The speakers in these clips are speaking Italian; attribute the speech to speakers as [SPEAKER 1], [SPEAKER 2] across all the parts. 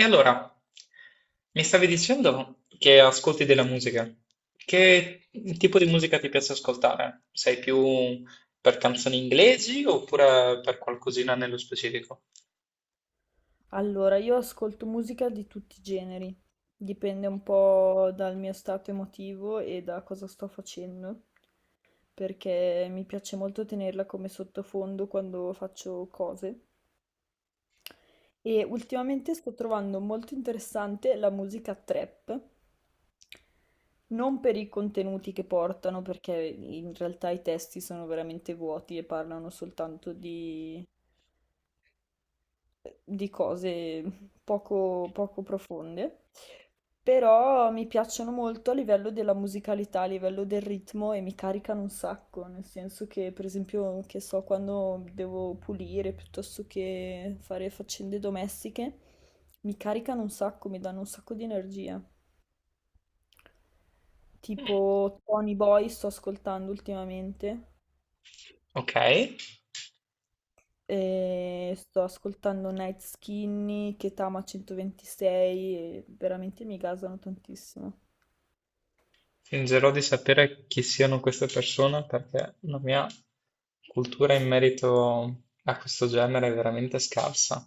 [SPEAKER 1] E allora, mi stavi dicendo che ascolti della musica. Che tipo di musica ti piace ascoltare? Sei più per canzoni inglesi oppure per qualcosina nello specifico?
[SPEAKER 2] Allora, io ascolto musica di tutti i generi, dipende un po' dal mio stato emotivo e da cosa sto facendo, perché mi piace molto tenerla come sottofondo quando faccio cose. E ultimamente sto trovando molto interessante la musica trap, non per i contenuti che portano, perché in realtà i testi sono veramente vuoti e parlano soltanto di cose poco profonde, però mi piacciono molto a livello della musicalità, a livello del ritmo e mi caricano un sacco, nel senso che per esempio, che so, quando devo pulire piuttosto che fare faccende domestiche, mi caricano un sacco, mi danno un sacco di energia.
[SPEAKER 1] Mm,
[SPEAKER 2] Tipo Tony Boy sto ascoltando ultimamente.
[SPEAKER 1] ok.
[SPEAKER 2] E sto ascoltando Night Skinny, Ketama 126, e veramente mi gasano tantissimo.
[SPEAKER 1] Fingerò di sapere chi siano queste persone perché la mia cultura in merito a questo genere è veramente scarsa.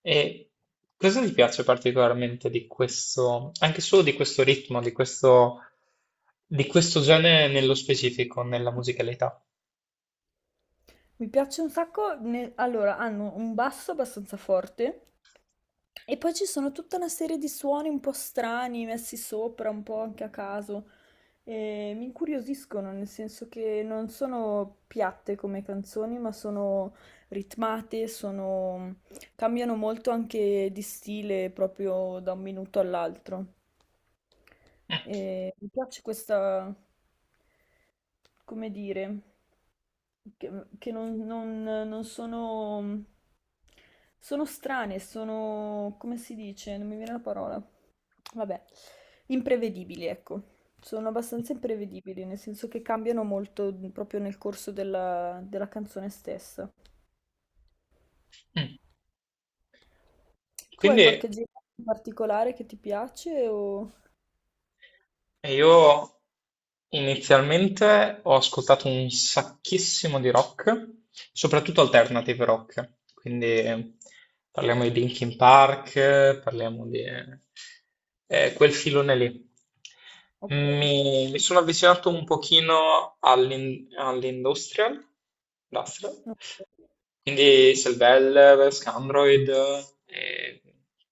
[SPEAKER 1] E cosa ti piace particolarmente di questo, anche solo di questo ritmo, di questo genere nello specifico, nella musicalità?
[SPEAKER 2] Mi piace un sacco, allora hanno un basso abbastanza forte e poi ci sono tutta una serie di suoni un po' strani messi sopra, un po' anche a caso. E mi incuriosiscono, nel senso che non sono piatte come canzoni, ma sono ritmate, sono cambiano molto anche di stile proprio da un minuto all'altro. E mi piace questa, come dire, che non, non- non sono, sono strane, sono, come si dice? Non mi viene la parola. Vabbè, imprevedibili, ecco. Sono abbastanza imprevedibili, nel senso che cambiano molto proprio nel corso della canzone stessa.
[SPEAKER 1] Mm.
[SPEAKER 2] Tu hai
[SPEAKER 1] Quindi
[SPEAKER 2] qualche genere in particolare che ti piace o
[SPEAKER 1] io Inizialmente ho ascoltato un sacchissimo di rock, soprattutto alternative rock, quindi parliamo di Linkin Park, parliamo di quel filone lì.
[SPEAKER 2] ok,
[SPEAKER 1] Mi sono avvicinato un pochino all'industrial, industrial,
[SPEAKER 2] no,
[SPEAKER 1] quindi Selvel, Scandroid e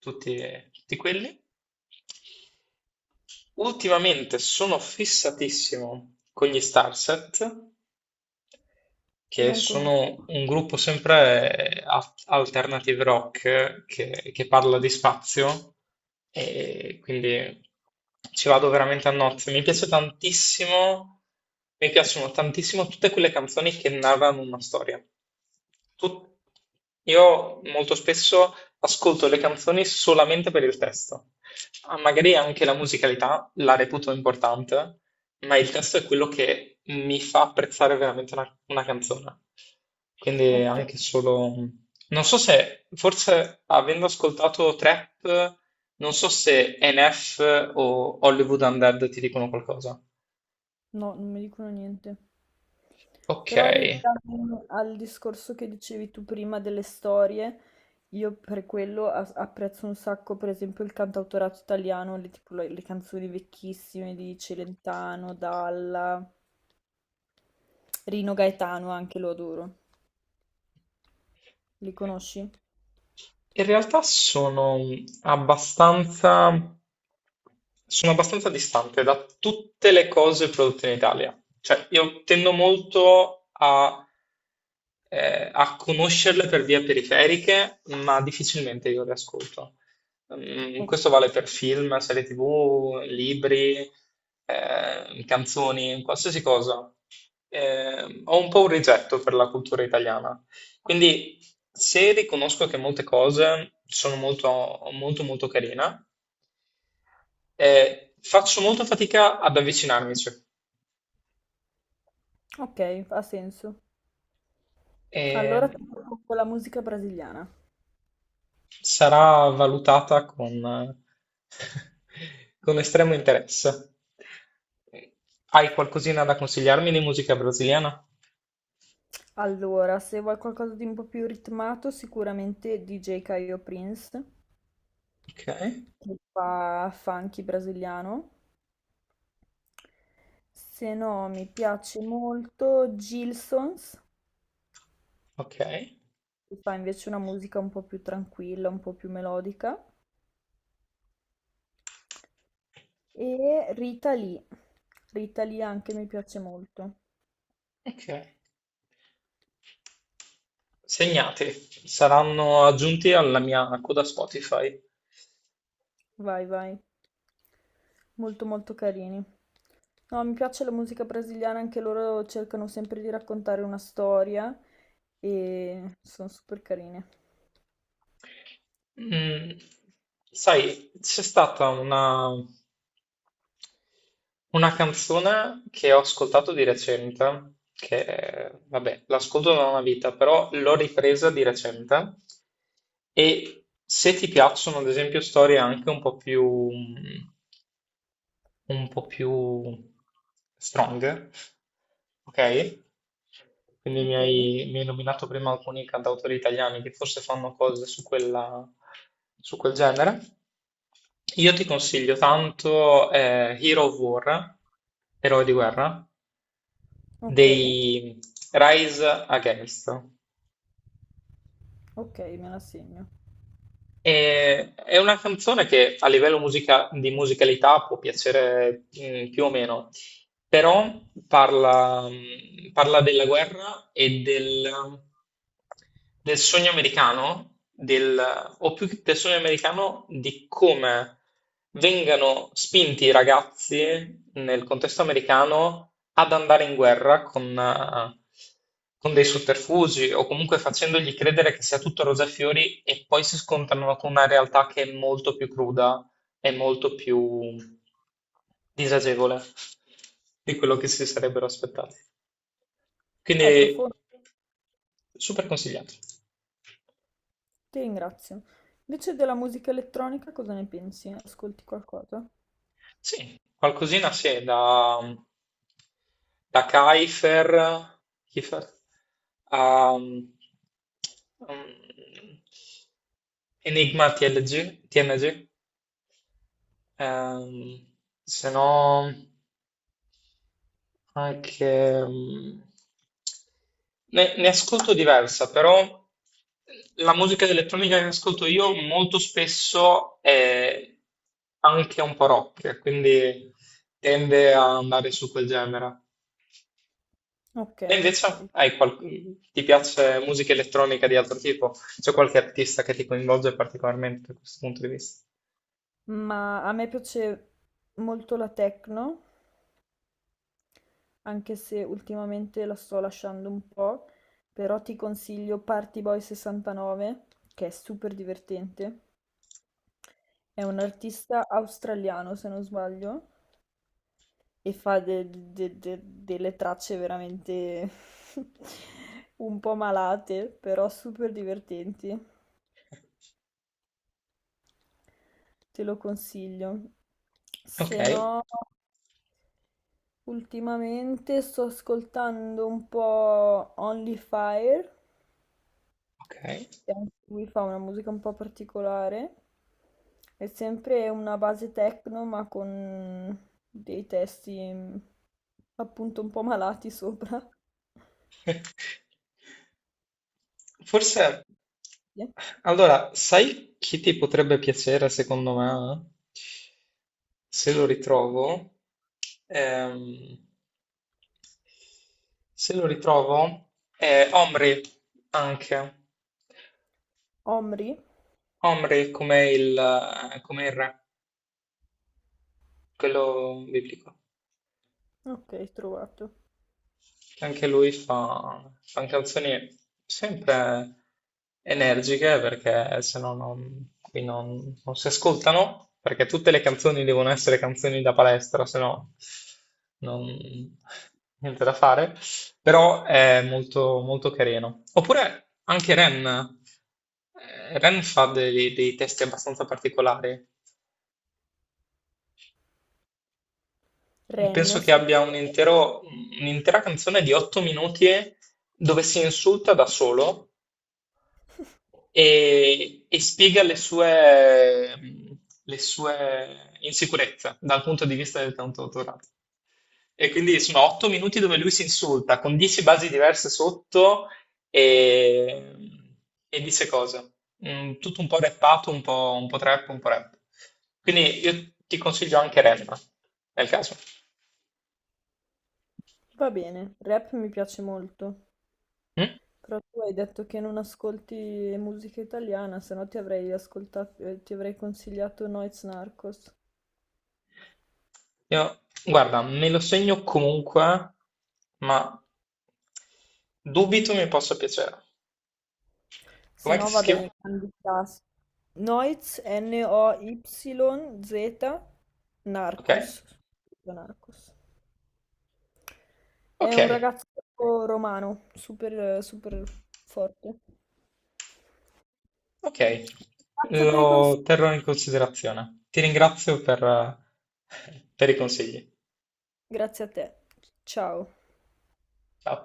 [SPEAKER 1] tutti, tutti quelli. Ultimamente sono fissatissimo con gli Starset
[SPEAKER 2] che
[SPEAKER 1] che
[SPEAKER 2] non conosco.
[SPEAKER 1] sono un gruppo sempre alternative rock che parla di spazio e quindi ci vado veramente a nozze. Mi piace tantissimo, mi piacciono tantissimo tutte quelle canzoni che narrano una storia. Tut- io molto spesso ascolto le canzoni solamente per il testo. Ah, magari anche la musicalità la reputo importante, ma il testo è quello che mi fa apprezzare veramente una canzone. Quindi
[SPEAKER 2] Ok.
[SPEAKER 1] anche solo. Non so se, forse avendo ascoltato Trap, non so se NF o Hollywood Undead ti dicono qualcosa.
[SPEAKER 2] No, non mi dicono niente.
[SPEAKER 1] Ok.
[SPEAKER 2] Però in realtà al discorso che dicevi tu prima delle storie, io per quello apprezzo un sacco, per esempio, il cantautorato italiano, le, tipo le canzoni vecchissime di Celentano, Dalla, Rino Gaetano, anche lo adoro. Li conosci?
[SPEAKER 1] In realtà abbastanza, sono abbastanza distante da tutte le cose prodotte in Italia. Cioè, io tendo molto a conoscerle per vie periferiche, ma difficilmente io le ascolto. Mm,
[SPEAKER 2] Ok,
[SPEAKER 1] questo vale per film, serie TV, libri, canzoni, qualsiasi cosa. Ho un po' un rigetto per la cultura italiana. Quindi se riconosco che molte cose sono molto, molto, molto carina, faccio molta fatica ad avvicinarmici
[SPEAKER 2] ok, ha senso.
[SPEAKER 1] e
[SPEAKER 2] Allora ti propongo la musica brasiliana.
[SPEAKER 1] sarà valutata con, con estremo interesse. Hai qualcosina da consigliarmi di musica brasiliana?
[SPEAKER 2] Allora, se vuoi qualcosa di un po' più ritmato, sicuramente DJ Caio Prince,
[SPEAKER 1] Ok,
[SPEAKER 2] che fa funky brasiliano. Se no, mi piace molto Gilsons,
[SPEAKER 1] ok,
[SPEAKER 2] che fa invece una musica un po' più tranquilla, un po' più melodica. E Rita Lee. Rita Lee anche mi piace molto.
[SPEAKER 1] ok. Segnati, saranno aggiunti alla mia coda Spotify.
[SPEAKER 2] Vai, vai. Molto, molto carini. No, mi piace la musica brasiliana, anche loro cercano sempre di raccontare una storia e sono super carine.
[SPEAKER 1] Mm, sai, c'è stata una canzone che ho ascoltato di recente, che vabbè, l'ascolto da una vita, però l'ho ripresa di recente. E se ti piacciono, ad esempio, storie anche un po' più strong, ok? Quindi mi
[SPEAKER 2] Ok,
[SPEAKER 1] hai, mi hai nominato prima alcuni cantautori italiani che forse fanno cose su quella, su quel genere. Io ti consiglio tanto Hero of War, Eroi di guerra,
[SPEAKER 2] ok,
[SPEAKER 1] dei Rise Against.
[SPEAKER 2] ok, me la segno.
[SPEAKER 1] È una canzone che a livello di musicalità può piacere più o meno, però parla della guerra e del sogno americano, o più che del sogno americano, di come vengano spinti i ragazzi nel contesto americano ad andare in guerra con dei sotterfugi o comunque facendogli credere che sia tutto rose e fiori e poi si scontrano con una realtà che è molto più cruda, è molto più disagevole di quello che si sarebbero aspettati. Quindi
[SPEAKER 2] È profondo,
[SPEAKER 1] super consigliato.
[SPEAKER 2] ti ringrazio. Invece della musica elettronica cosa ne pensi? Ascolti qualcosa?
[SPEAKER 1] Sì, qualcosina sì, da Kiefer a Enigma TLG, TNG, ehm, se no, anche, ne ascolto diversa, però la musica elettronica che ascolto io molto spesso è anche un po' rock, quindi tende a andare su quel genere.
[SPEAKER 2] Ok,
[SPEAKER 1] E invece
[SPEAKER 2] ok.
[SPEAKER 1] hai ti piace musica elettronica di altro tipo? C'è qualche artista che ti coinvolge particolarmente da questo punto di vista?
[SPEAKER 2] Ma a me piace molto la techno, anche se ultimamente la sto lasciando un po', però ti consiglio Party Boy 69, che è super divertente. È un artista australiano, se non sbaglio, e fa delle tracce veramente un po' malate, però super divertenti. Te lo consiglio.
[SPEAKER 1] Ok,
[SPEAKER 2] Se no, ultimamente sto ascoltando un po' Only Fire,
[SPEAKER 1] ok.
[SPEAKER 2] che anche lui fa una musica un po' particolare. È sempre una base techno, ma con dei testi appunto un po' malati sopra.
[SPEAKER 1] Forse,
[SPEAKER 2] Sì.
[SPEAKER 1] allora, sai chi ti potrebbe piacere secondo me? Se lo ritrovo, ehm, se lo ritrovo, è Omri anche.
[SPEAKER 2] Omri,
[SPEAKER 1] Omri come il re, quello biblico,
[SPEAKER 2] ok, trovato.
[SPEAKER 1] che anche lui fa canzoni sempre energiche perché se no non, qui non si ascoltano, perché tutte le canzoni devono essere canzoni da palestra, se no non, niente da fare, però è molto, molto carino. Oppure anche Ren fa dei testi abbastanza particolari.
[SPEAKER 2] Ren,
[SPEAKER 1] Penso che abbia
[SPEAKER 2] scritto.
[SPEAKER 1] un'intera canzone di 8 minuti dove si insulta da solo e spiega le sue insicurezze dal punto di vista del cantautorato. E quindi sono 8 minuti dove lui si insulta con 10 basi diverse sotto e, e dice cose. Mm, tutto un po' rappato, un po' trap, un po' rap. Quindi io ti consiglio anche rap, nel caso.
[SPEAKER 2] Va bene, rap mi piace molto.
[SPEAKER 1] Mm?
[SPEAKER 2] Però tu hai detto che non ascolti musica italiana, se no ti avrei ascoltato, ti avrei consigliato Noiz Narcos.
[SPEAKER 1] Io- Guarda, me lo segno comunque, ma dubito mi possa piacere.
[SPEAKER 2] Se
[SPEAKER 1] Com'è
[SPEAKER 2] no
[SPEAKER 1] che si
[SPEAKER 2] va bene,
[SPEAKER 1] scrive?
[SPEAKER 2] grandi classici. Noiz, NOYZ,
[SPEAKER 1] Ok,
[SPEAKER 2] Narcos. Scritto Narcos. È un
[SPEAKER 1] ok,
[SPEAKER 2] ragazzo romano, super, super forte.
[SPEAKER 1] ok.
[SPEAKER 2] Grazie per i consigli.
[SPEAKER 1] Lo terrò in considerazione. Ti ringrazio per, per i consigli.
[SPEAKER 2] Grazie a te. Ciao.
[SPEAKER 1] Ciao.